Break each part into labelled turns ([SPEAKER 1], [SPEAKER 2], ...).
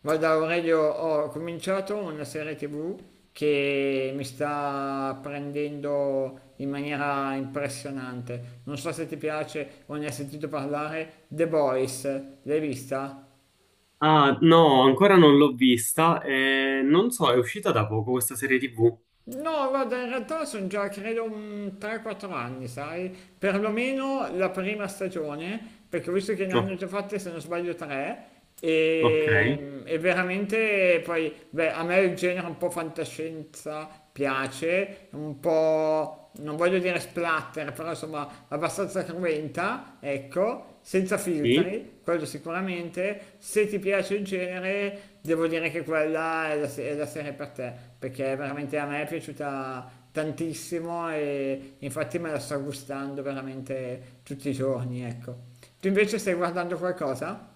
[SPEAKER 1] Guarda Aurelio, ho cominciato una serie TV che mi sta prendendo in maniera impressionante. Non so se ti piace o ne hai sentito parlare, The Boys, l'hai vista?
[SPEAKER 2] Ah, no, ancora non l'ho vista. Non so, è uscita da poco questa serie TV.
[SPEAKER 1] No, guarda, in realtà sono già credo un 3-4 anni, sai? Perlomeno la prima stagione, perché ho visto che ne hanno
[SPEAKER 2] No,
[SPEAKER 1] già fatte, se non sbaglio, tre.
[SPEAKER 2] ok,
[SPEAKER 1] E veramente poi, beh, a me il genere un po' fantascienza piace, un po', non voglio dire splatter, però insomma abbastanza cruenta, ecco, senza
[SPEAKER 2] sì.
[SPEAKER 1] filtri, quello sicuramente. Se ti piace il genere, devo dire che quella è la, se- è la serie per te, perché veramente a me è piaciuta tantissimo e infatti me la sto gustando veramente tutti i giorni, ecco. Tu invece stai guardando qualcosa?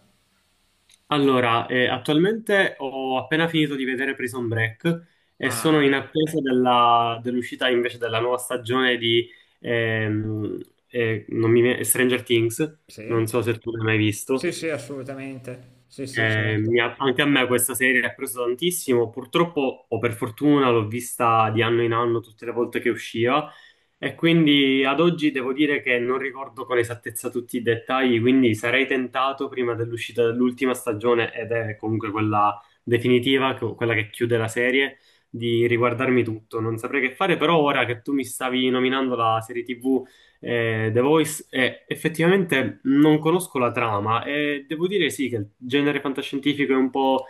[SPEAKER 2] Allora, attualmente ho appena finito di vedere Prison Break e sono
[SPEAKER 1] Ah,
[SPEAKER 2] in attesa dell'uscita invece della nuova stagione di ehm, non mi viene- Stranger Things. Non
[SPEAKER 1] sì.
[SPEAKER 2] so se tu l'hai mai
[SPEAKER 1] Sì,
[SPEAKER 2] visto.
[SPEAKER 1] sì, assolutamente. Sì, sì, certo.
[SPEAKER 2] Anche a me questa serie ha preso tantissimo, purtroppo o per fortuna l'ho vista di anno in anno tutte le volte che usciva e quindi ad oggi devo dire che non ricordo con esattezza tutti i dettagli, quindi sarei tentato prima dell'uscita dell'ultima stagione, ed è comunque quella definitiva, quella che chiude la serie, di riguardarmi tutto. Non saprei che fare, però ora che tu mi stavi nominando la serie TV, The Voice, effettivamente non conosco la trama e devo dire sì che il genere fantascientifico è un po'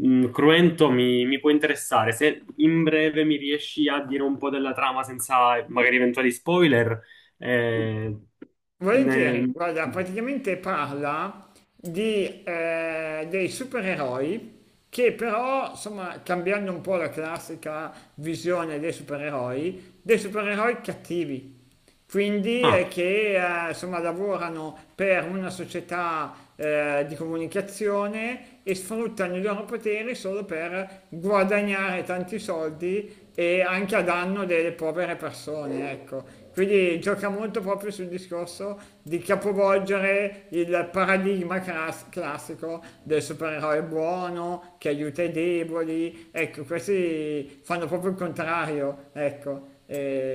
[SPEAKER 2] cruento, mi può interessare. Se in breve mi riesci a dire un po' della trama senza magari eventuali spoiler, eh,
[SPEAKER 1] Volentieri,
[SPEAKER 2] ne-
[SPEAKER 1] guarda, praticamente parla di, dei supereroi che però, insomma, cambiando un po' la classica visione dei supereroi cattivi, quindi
[SPEAKER 2] ah,
[SPEAKER 1] che insomma, lavorano per una società di comunicazione e sfruttano i loro poteri solo per guadagnare tanti soldi e anche a danno delle povere persone, ecco. Quindi gioca molto proprio sul discorso di capovolgere il paradigma classico del supereroe buono che aiuta i deboli, ecco, questi fanno proprio il contrario, ecco.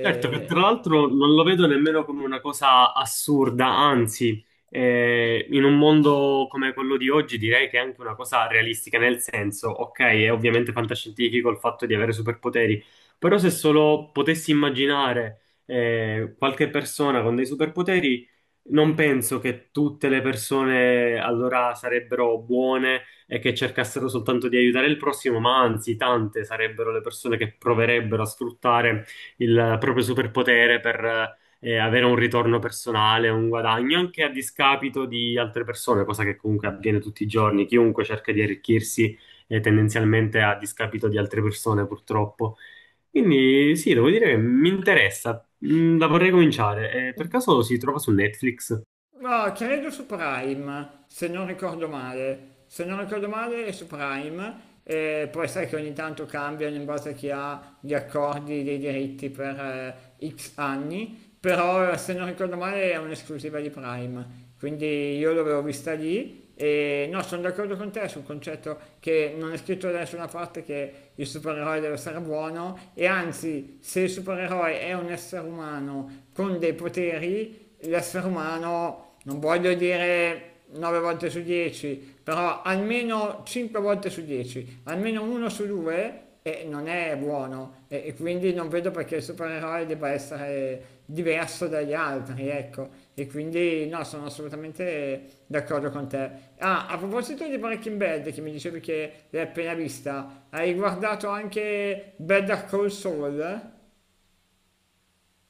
[SPEAKER 2] certo che tra l'altro non lo vedo nemmeno come una cosa assurda, anzi, in un mondo come quello di oggi direi che è anche una cosa realistica, nel senso, ok, è ovviamente fantascientifico il fatto di avere superpoteri, però se solo potessi immaginare qualche persona con dei superpoteri, non penso che tutte le persone allora sarebbero buone e che cercassero soltanto di aiutare il prossimo, ma anzi, tante sarebbero le persone che proverebbero a sfruttare il proprio superpotere per avere un ritorno personale, un guadagno, anche a discapito di altre persone, cosa che comunque avviene tutti i giorni. Chiunque cerca di arricchirsi tendenzialmente a discapito di altre persone, purtroppo. Quindi sì, devo dire che mi interessa. Mm, la vorrei cominciare. Per caso si trova su Netflix?
[SPEAKER 1] No, credo su Prime, se non ricordo male. Se non ricordo male è su Prime, e poi sai che ogni tanto cambiano in base a chi ha gli accordi dei diritti per X anni, però se non ricordo male è un'esclusiva di Prime, quindi io l'avevo vista lì. E no, sono d'accordo con te sul concetto che non è scritto da nessuna parte che il supereroe deve essere buono e anzi, se il supereroe è un essere umano con dei poteri, l'essere umano, non voglio dire 9 volte su 10, però almeno 5 volte su 10, almeno uno su due non è buono e quindi non vedo perché il supereroe debba essere diverso dagli altri, ecco. E quindi no, sono assolutamente d'accordo con te. Ah, a proposito di Breaking Bad, che mi dicevi che l'hai appena vista, hai guardato anche Better Call Saul?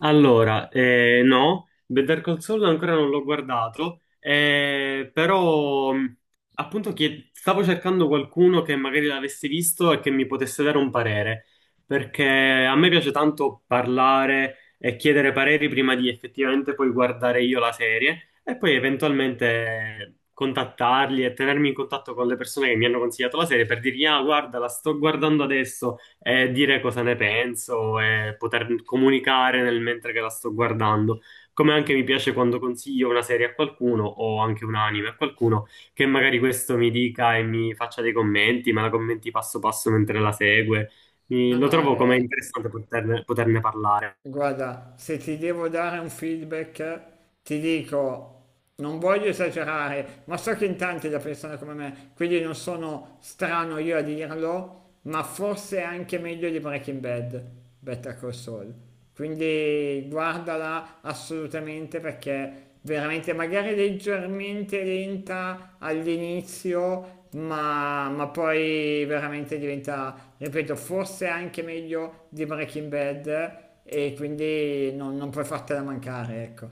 [SPEAKER 2] Allora, no, Better Call Saul ancora non l'ho guardato, però stavo cercando qualcuno che magari l'avesse visto e che mi potesse dare un parere, perché a me piace tanto parlare e chiedere pareri prima di effettivamente poi guardare io la serie e poi eventualmente contattarli e tenermi in contatto con le persone che mi hanno consigliato la serie per dirgli, ah, guarda, la sto guardando adesso e dire cosa ne penso e poter comunicare nel mentre che la sto guardando. Come anche mi piace quando consiglio una serie a qualcuno o anche un anime a qualcuno che magari questo mi dica e mi faccia dei commenti, ma la commenti passo passo mentre la segue.
[SPEAKER 1] No,
[SPEAKER 2] Lo
[SPEAKER 1] no,
[SPEAKER 2] trovo come
[SPEAKER 1] è,
[SPEAKER 2] interessante poterne parlare.
[SPEAKER 1] Guarda, se ti devo dare un feedback, ti dico, non voglio esagerare, ma so che in tanti la pensano come me, quindi non sono strano io a dirlo, ma forse è anche meglio di Breaking Bad, Better Call Saul. Quindi guardala assolutamente perché veramente magari leggermente lenta all'inizio, ma poi veramente diventa, ripeto, forse anche meglio di Breaking Bad e quindi non puoi fartela mancare, ecco.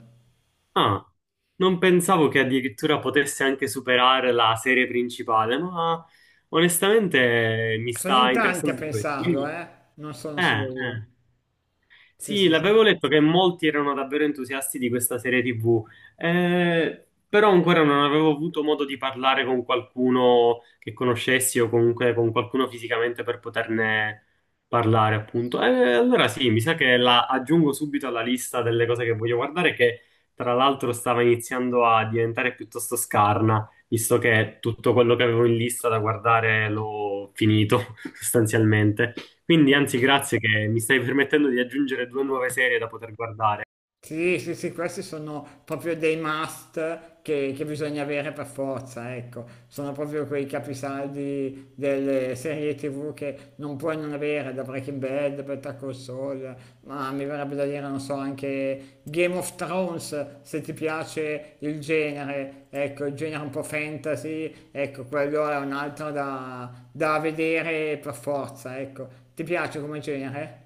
[SPEAKER 2] Ah, non pensavo che addirittura potesse anche superare la serie principale, ma onestamente mi
[SPEAKER 1] Sono
[SPEAKER 2] sta
[SPEAKER 1] in tanti a
[SPEAKER 2] interessando anche questo.
[SPEAKER 1] pensarlo,
[SPEAKER 2] Quindi,
[SPEAKER 1] eh? Non sono
[SPEAKER 2] eh,
[SPEAKER 1] solo io.
[SPEAKER 2] eh.
[SPEAKER 1] Sì,
[SPEAKER 2] Sì,
[SPEAKER 1] sì, sì.
[SPEAKER 2] l'avevo letto che molti erano davvero entusiasti di questa serie TV, però ancora non avevo avuto modo di parlare con qualcuno che conoscessi o comunque con qualcuno fisicamente per poterne parlare, appunto. Allora sì, mi sa che la aggiungo subito alla lista delle cose che voglio guardare, che tra l'altro stava iniziando a diventare piuttosto scarna, visto che tutto quello che avevo in lista da guardare l'ho finito sostanzialmente. Quindi, anzi, grazie che mi stai permettendo di aggiungere due nuove serie da poter guardare.
[SPEAKER 1] Sì, sì, sì, questi sono proprio dei must che bisogna avere per forza, ecco. Sono proprio quei capisaldi delle serie TV che non puoi non avere, da Breaking Bad, Better Call Saul, ma mi verrebbe da dire, non so, anche Game of Thrones, se ti piace il genere, ecco, il genere un po' fantasy, ecco, quello è un altro da vedere per forza, ecco. Ti piace come genere?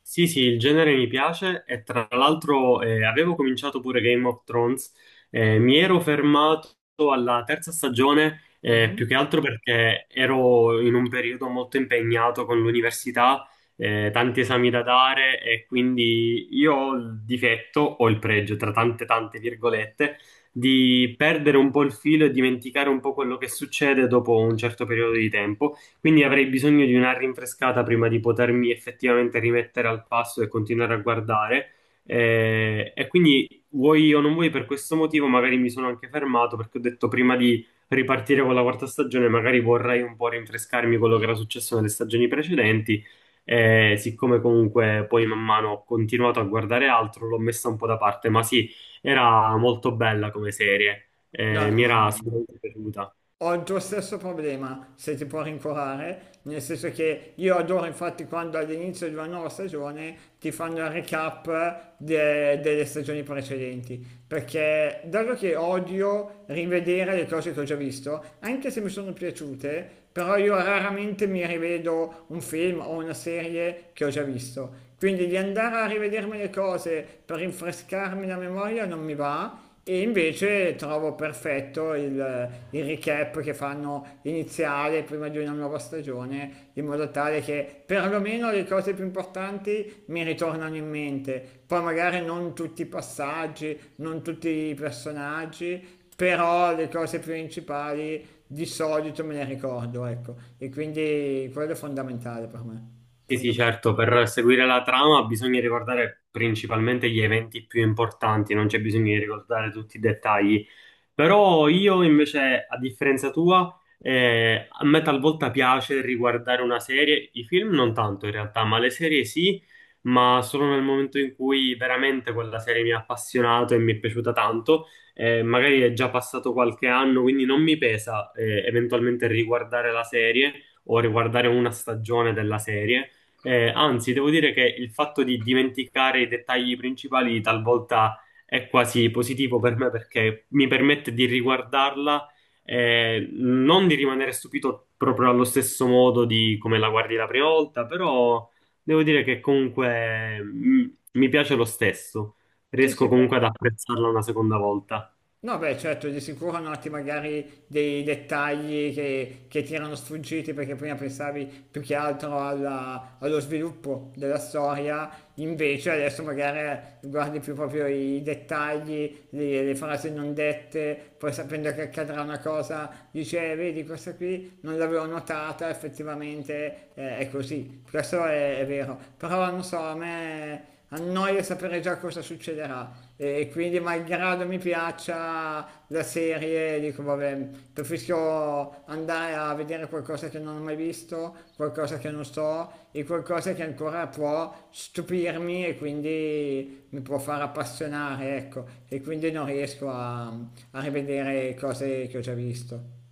[SPEAKER 2] Sì, sì, il genere mi piace e tra l'altro avevo cominciato pure Game of Thrones, mi ero fermato alla terza stagione,
[SPEAKER 1] Mhm.
[SPEAKER 2] più che altro perché ero in un periodo molto impegnato con l'università, tanti esami da dare e quindi io ho il difetto, o il pregio, tra tante tante virgolette, di perdere un po' il filo e dimenticare un po' quello che succede dopo un certo periodo di tempo. Quindi avrei bisogno di una rinfrescata prima di potermi effettivamente rimettere al passo e continuare a guardare. E quindi vuoi o non vuoi, per questo motivo magari mi sono anche fermato perché ho detto prima di ripartire con la quarta stagione, magari vorrei un po' rinfrescarmi quello che era successo nelle stagioni precedenti. Siccome comunque poi man mano ho continuato a guardare altro, l'ho messa un po' da parte, ma sì, era molto bella come serie.
[SPEAKER 1] No,
[SPEAKER 2] Mi
[SPEAKER 1] no,
[SPEAKER 2] era
[SPEAKER 1] no.
[SPEAKER 2] sicuramente piaciuta.
[SPEAKER 1] Ho il tuo stesso problema, se ti può rincuorare, nel senso che io adoro infatti quando all'inizio di una nuova stagione ti fanno il recap delle stagioni precedenti, perché dato che odio rivedere le cose che ho già visto, anche se mi sono piaciute, però io raramente mi rivedo un film o una serie che ho già visto. Quindi di andare a rivedermi le cose per rinfrescarmi la memoria non mi va e invece trovo perfetto il recap che fanno iniziale prima di una nuova stagione, in modo tale che perlomeno le cose più importanti mi ritornano in mente. Poi magari non tutti i passaggi, non tutti i personaggi, però le cose principali di solito me le ricordo, ecco. E quindi quello è fondamentale per me.
[SPEAKER 2] Sì, sì,
[SPEAKER 1] Fondamentale.
[SPEAKER 2] certo, per seguire la trama bisogna ricordare principalmente gli eventi più importanti, non c'è bisogno di ricordare tutti i dettagli. Però io invece, a differenza tua, a me talvolta piace riguardare una serie, i film non tanto in realtà, ma le serie sì, ma solo nel momento in cui veramente quella serie mi ha appassionato e mi è piaciuta tanto. Magari è già passato qualche anno, quindi non mi pesa, eventualmente riguardare la serie o riguardare una stagione della serie. Anzi, devo dire che il fatto di dimenticare i dettagli principali talvolta è quasi positivo per me perché mi permette di riguardarla e non di rimanere stupito proprio allo stesso modo di come la guardi la prima volta, però devo dire che comunque mm, mi piace lo stesso,
[SPEAKER 1] Sì, sì,
[SPEAKER 2] riesco
[SPEAKER 1] beh.
[SPEAKER 2] comunque ad apprezzarla una seconda volta.
[SPEAKER 1] No, beh, certo, di sicuro noti magari dei dettagli che ti erano sfuggiti perché prima pensavi più che altro allo sviluppo della storia, invece adesso magari guardi più proprio i dettagli, le frasi non dette, poi sapendo che accadrà una cosa dici, vedi, questa qui non l'avevo notata, effettivamente è così, è vero, però non so, a me... Annoia sapere già cosa succederà, e quindi malgrado mi piaccia la serie, dico vabbè, preferisco andare a vedere qualcosa che non ho mai visto, qualcosa che non so e qualcosa che ancora può stupirmi e quindi mi può far appassionare, ecco, e quindi non riesco a rivedere cose che ho già visto.